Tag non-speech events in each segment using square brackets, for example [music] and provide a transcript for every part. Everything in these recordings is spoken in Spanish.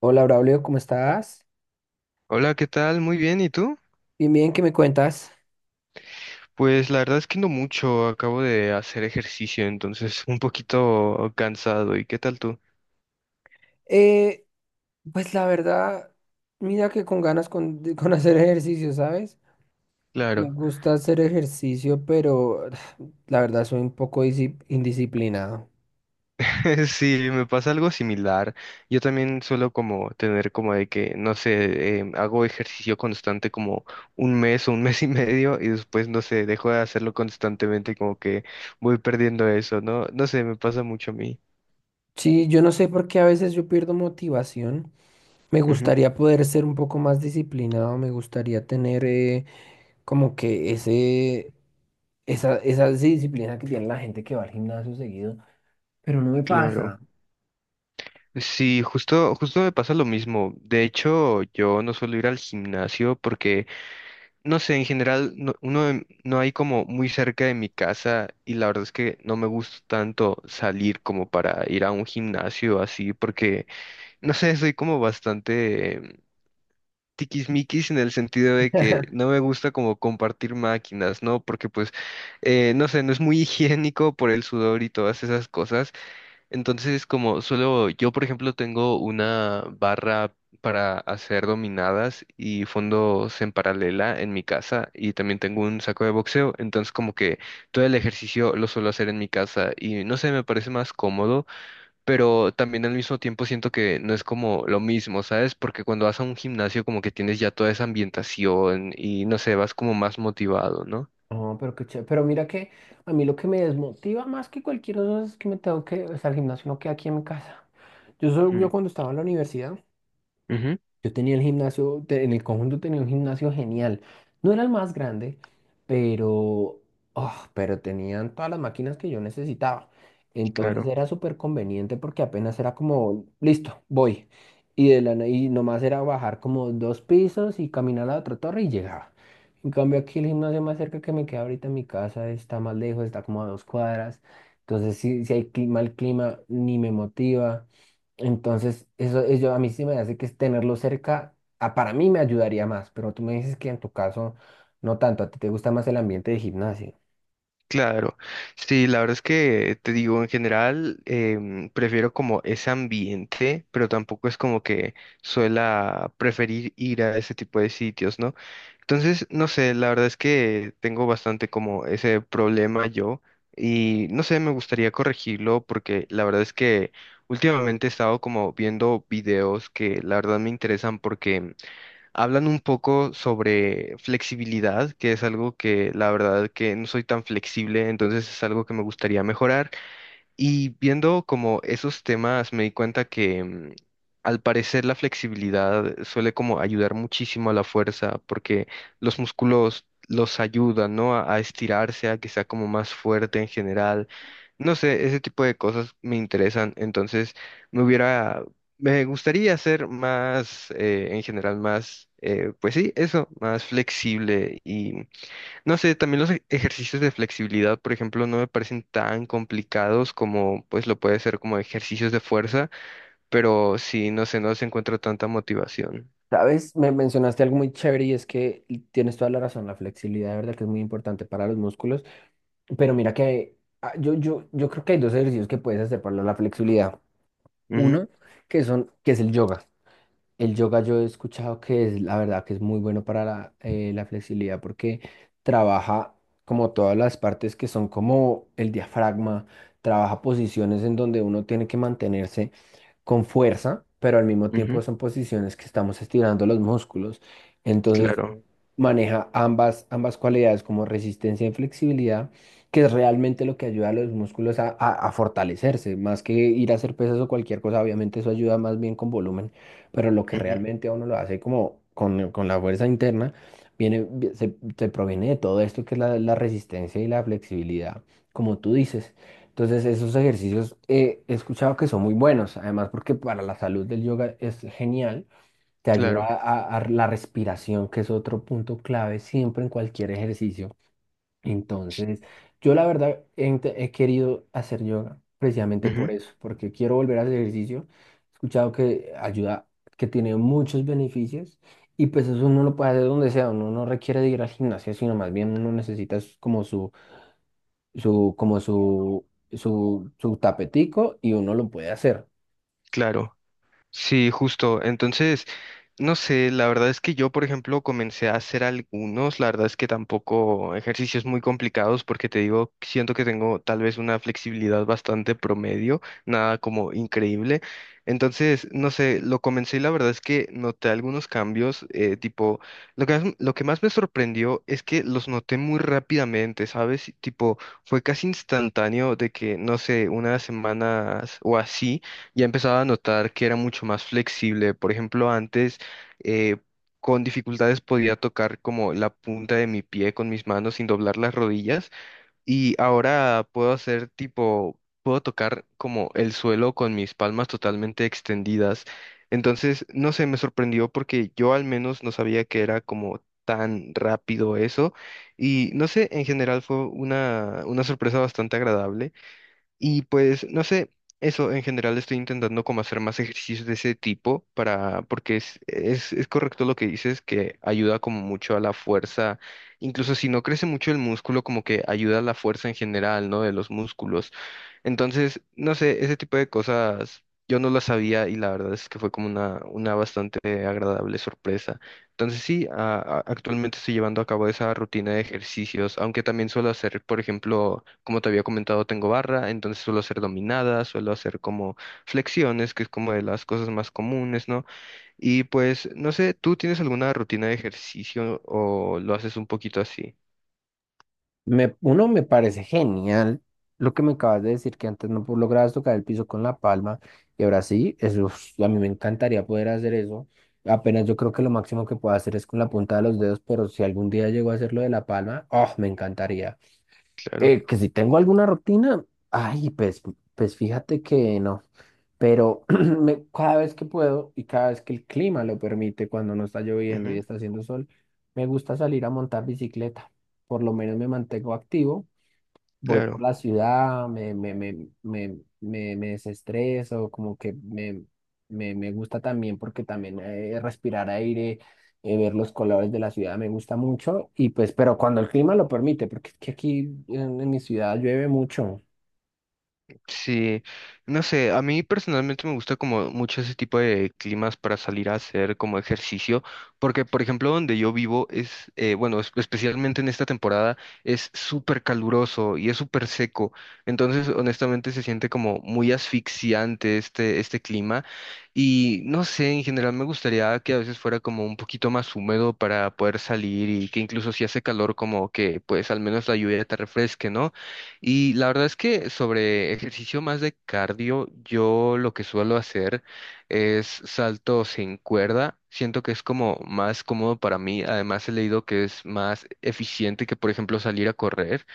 Hola, Braulio, ¿cómo estás? Hola, ¿qué tal? Muy bien, ¿y tú? Bien, bien, ¿qué me cuentas? Pues la verdad es que no mucho, acabo de hacer ejercicio, entonces un poquito cansado. ¿Y qué tal tú? Eh, pues la verdad, mira que con ganas con, de- [laughs] con hacer ejercicio, ¿sabes? Me Claro, gusta hacer ejercicio, pero [sighs] la verdad soy un poco disi- indisciplinado. [laughs] sí, me pasa algo similar. Yo también suelo como tener como de que, no sé, hago ejercicio constante como un mes o un [laughs] mes y medio y después, no sé, dejo de hacerlo constantemente, como que voy perdiendo eso, ¿no? No sé, me pasa mucho a mí. Sí, yo no sé por qué a veces yo pierdo motivación. Me Ujú, gustaría poder ser un poco más disciplinado, me gustaría tener como que ese, esa disciplina que tiene la gente que va al gimnasio seguido, pero no me claro. pasa. Sí, justo, justo me pasa lo mismo. De hecho, yo no suelo ir al gimnasio porque, no sé, en general no, no hay como muy cerca de mi casa y la verdad es que no me gusta tanto salir como para ir a un gimnasio así porque, no sé, soy como bastante tiquismiquis en el sentido de que no me gusta como compartir máquinas, ¿no? Porque pues, no sé, no es muy higiénico por el sudor y todas esas cosas. Entonces, como solo yo, por ejemplo, tengo una barra para hacer dominadas y fondos en paralela en mi casa y también tengo un saco de boxeo, entonces como que todo el ejercicio lo suelo hacer en mi casa y no sé, me parece más cómodo, pero también al mismo tiempo siento que no es como lo mismo, ¿sabes? Porque cuando vas a un gimnasio como que tienes ya toda esa ambientación y no sé, vas como más motivado, ¿no? No, pero qué chévere. Pero mira que a mí lo que me desmotiva más que cualquier cosa es que me tengo que, o sea, el gimnasio no queda aquí en mi casa. Yo, solo- yo Mm, cuando estaba en la universidad, ujú, yo tenía el gimnasio, te- en el conjunto tenía un gimnasio genial. No era el más grande, pero, ah, pero tenían todas las máquinas que yo necesitaba. Entonces claro. era súper conveniente porque apenas era como, listo, voy. Y, de la, na- y nomás era bajar como dos pisos y caminar a la otra torre y llegaba. En cambio aquí el gimnasio más cerca que me queda ahorita en mi casa está más lejos, está como a dos cuadras. Entonces si hay cli- mal clima, ni me motiva. Entonces, eso a mí sí me hace que es tenerlo cerca, ah, para mí me ayudaría más, pero tú me dices que en tu caso no tanto, a ti te gusta más el ambiente de gimnasio. Claro, sí, la verdad es que te digo, en general prefiero como ese ambiente, pero tampoco es como que suela preferir ir a ese tipo de sitios, ¿no? Entonces, no sé, la verdad es que tengo bastante como ese problema yo y no sé, me gustaría corregirlo porque la verdad es que últimamente he estado como viendo videos que la verdad me interesan porque hablan un poco sobre flexibilidad, que es algo que la verdad que no soy tan flexible, entonces es algo que me gustaría mejorar. Y viendo como esos temas, me di cuenta que al parecer la flexibilidad suele como ayudar muchísimo a la fuerza, porque los músculos los ayudan, ¿no? A estirarse, a que sea como más fuerte en general. No sé, ese tipo de cosas me interesan. Entonces, me hubiera, me gustaría ser más, en general, más, pues sí, eso, más flexible, no sé, también los ejercicios de flexibilidad, por ejemplo, no me parecen tan complicados como pues lo puede ser como ejercicios de fuerza, pero sí, no sé, no se encuentra tanta motivación. Sabes, me mencionaste algo muy chévere y es que y tienes toda la razón, la flexibilidad de verdad que es muy importante para los músculos, pero mira que ah, yo creo que hay dos ejercicios que puedes hacer para la flexibilidad. Ujú, Uno, que son, que es el yoga. El yoga yo he escuchado que es, la verdad, que es muy bueno para la, la flexibilidad porque trabaja como todas las partes que son como el diafragma, trabaja posiciones en donde uno tiene que mantenerse con fuerza, pero al mismo tiempo ujú, son posiciones que estamos estirando los músculos. Entonces, claro, maneja ambas, ambas cualidades como resistencia y flexibilidad, que es realmente lo que ayuda a los músculos a fortalecerse, más que ir a hacer pesas o cualquier cosa, obviamente eso ayuda más bien con volumen, pero lo que ujú, realmente a uno lo hace como con la fuerza interna, viene, vi- se proviene de todo esto que es la, la resistencia y la flexibilidad, como tú dices. Entonces esos ejercicios he escuchado que son muy buenos, además porque para la salud del yoga es genial, te ayuda claro, a la respiración, que es otro punto clave siempre en cualquier ejercicio. Entonces, yo la verdad he, int- he querido hacer yoga precisamente por ujú, eso, porque quiero volver al ejercicio. He escuchado que ayuda, que tiene muchos beneficios y pues eso uno lo puede hacer donde sea, uno no requiere de ir al gimnasio, sino más bien uno necesita es como su, como su tapetico y uno lo puede hacer. claro. Sí, justo. Entonces, no sé, la verdad es que yo, por ejemplo, comencé a hacer algunos, la verdad es que tampoco ejercicios muy complicados porque te digo, siento que tengo tal vez una flexibilidad bastante promedio, nada como increíble. Entonces, no sé, lo comencé y la verdad es que noté algunos cambios, tipo, lo que más me sorprendió es que los noté muy rápidamente, ¿sabes? Tipo, fue casi instantáneo de que, no sé, unas semanas o así, ya empezaba a notar que era mucho más flexible. Por ejemplo, antes eh, con dificultades podía tocar como la punta de mi pie con mis manos sin doblar las rodillas y ahora puedo hacer tipo, puedo tocar como el suelo con mis palmas totalmente extendidas. Entonces, no sé, me sorprendió porque yo al menos no sabía que era como tan rápido eso y no sé, en general fue una sorpresa bastante agradable. Y pues, no sé, eso en general estoy intentando como hacer más ejercicios de ese tipo para, porque es correcto lo que dices, que ayuda como mucho a la fuerza, incluso si no crece mucho el músculo, como que ayuda a la fuerza en general, ¿no? De los músculos. Entonces, no sé, ese tipo de cosas yo no las sabía y la verdad es que fue como una bastante agradable sorpresa. Entonces, sí, actualmente estoy llevando a cabo esa rutina de ejercicios, aunque también suelo hacer, por ejemplo, como te había comentado, tengo barra, entonces suelo hacer dominadas, suelo hacer como flexiones, que es como de las cosas más comunes, ¿no? Y pues, no sé, ¿tú tienes alguna rutina de ejercicio o lo haces un poquito así? Me, uno me parece genial lo que me acabas de decir, que antes no pu- lograbas tocar el piso con la palma y ahora sí, eso, es- a mí me encantaría poder hacer eso. Apenas yo creo que lo máximo que puedo hacer es con la punta de los dedos, pero si algún día llego a hacerlo de la palma, oh, me encantaría. Claro, Que si tengo alguna rutina, ay, pues, pues fíjate que no, pero [clears throat] me- cada vez que puedo y cada vez que el clima lo permite, cuando no está lloviendo y ujú, está haciendo sol, me gusta salir a montar bicicleta. Por lo menos me mantengo activo, voy por claro. la ciudad, me desestreso, como que me gusta también porque también respirar aire, ver los colores de la ciudad me gusta mucho y pues, pero cuando el clima lo permite, porque es que aquí en mi ciudad llueve mucho. Sí, no sé, a mí personalmente me gusta como mucho ese tipo de climas para salir a hacer como ejercicio, porque por ejemplo donde yo vivo es, bueno, especialmente en esta temporada es súper caluroso y es súper seco, entonces honestamente se siente como muy asfixiante este, este clima y no sé, en general me gustaría que a veces fuera como un poquito más húmedo para poder salir y que incluso si hace calor como que pues al menos la lluvia te refresque, ¿no? Y la verdad es que sobre ejercicio más de cardio, yo lo que suelo hacer es salto sin cuerda. Siento que es como más cómodo para mí. Además, he leído que es más eficiente que, por ejemplo, salir a correr.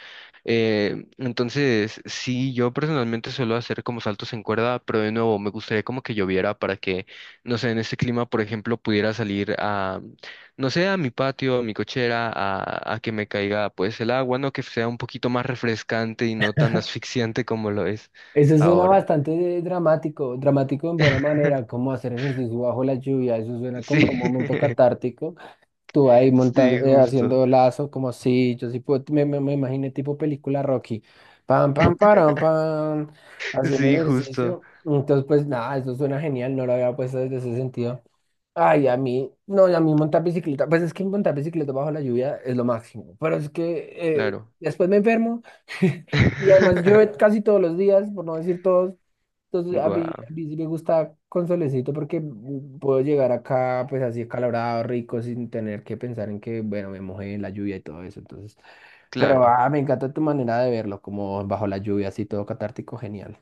Entonces, sí, yo personalmente suelo hacer como saltos en cuerda, pero de nuevo, me gustaría como que lloviera para que, no sé, en este clima, por ejemplo, pudiera salir a, no sé, a mi patio, a mi cochera, a que me caiga pues el agua, ¿no? Que sea un poquito más refrescante y no tan asfixiante como lo es Eso suena ahora. bastante dramático, dramático en buena manera, [laughs] como hacer ejercicio bajo la lluvia, eso suena Sí, como un momento [laughs] catártico. Tú ahí monta sí, justo. haciendo lazo, como si yo sí puedo, me imaginé tipo película Rocky. Pam, pam, [laughs] param, pam, haciendo Sí, justo. ejercicio. Entonces, pues nada, eso suena genial, no lo había puesto desde ese sentido. Ay, a mí, no, y a mí montar bicicleta, pues es que montar bicicleta bajo la lluvia es lo máximo, pero es que eh, Claro. después me enfermo [laughs] y además llueve [laughs] casi todos los días, por no decir todos, entonces, Guau, a mí sí me gusta con solecito porque puedo llegar acá, pues así acalorado, rico, sin tener que pensar en que, bueno, me mojé en la lluvia y todo eso. Entonces, pero claro. ah, me encanta tu manera de verlo, como bajo la lluvia, así todo catártico, genial.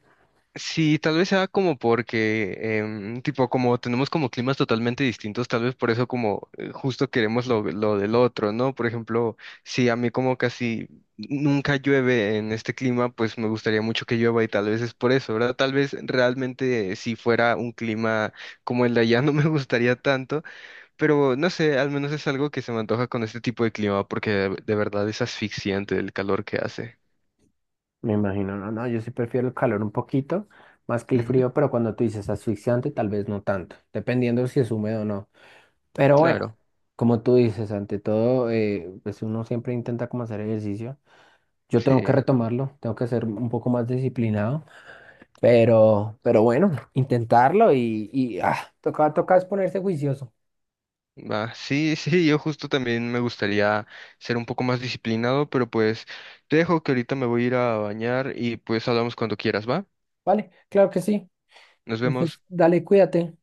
Sí, tal vez sea como porque, tipo, como tenemos como climas totalmente distintos, tal vez por eso como justo queremos lo del otro, ¿no? Por ejemplo, si a mí como casi nunca llueve en este clima, pues me gustaría mucho que llueva y tal vez es por eso, ¿verdad? Tal vez realmente si fuera un clima como el de allá [laughs] no me gustaría tanto, pero no sé, al menos es algo que se me antoja con este tipo de clima porque de verdad es asfixiante el calor que hace. Me imagino, no, no, yo sí prefiero el calor un poquito más que el Ujú, frío, pero cuando tú dices asfixiante, tal vez no tanto, dependiendo si es húmedo o no. Pero bueno, claro, como tú dices, ante todo, pues uno siempre intenta como hacer ejercicio. Yo tengo que sí. retomarlo, tengo que ser un poco más disciplinado. Pero bueno, intentarlo y ah, toca, toca es ponerse juicioso. Va, sí, sí, yo justo también me gustaría ser un poco más disciplinado, pero pues te dejo que ahorita me voy a ir a bañar y pues hablamos cuando quieras, ¿va? ¿Vale? Claro que sí. Nos vemos. Entonces, dale, cuídate.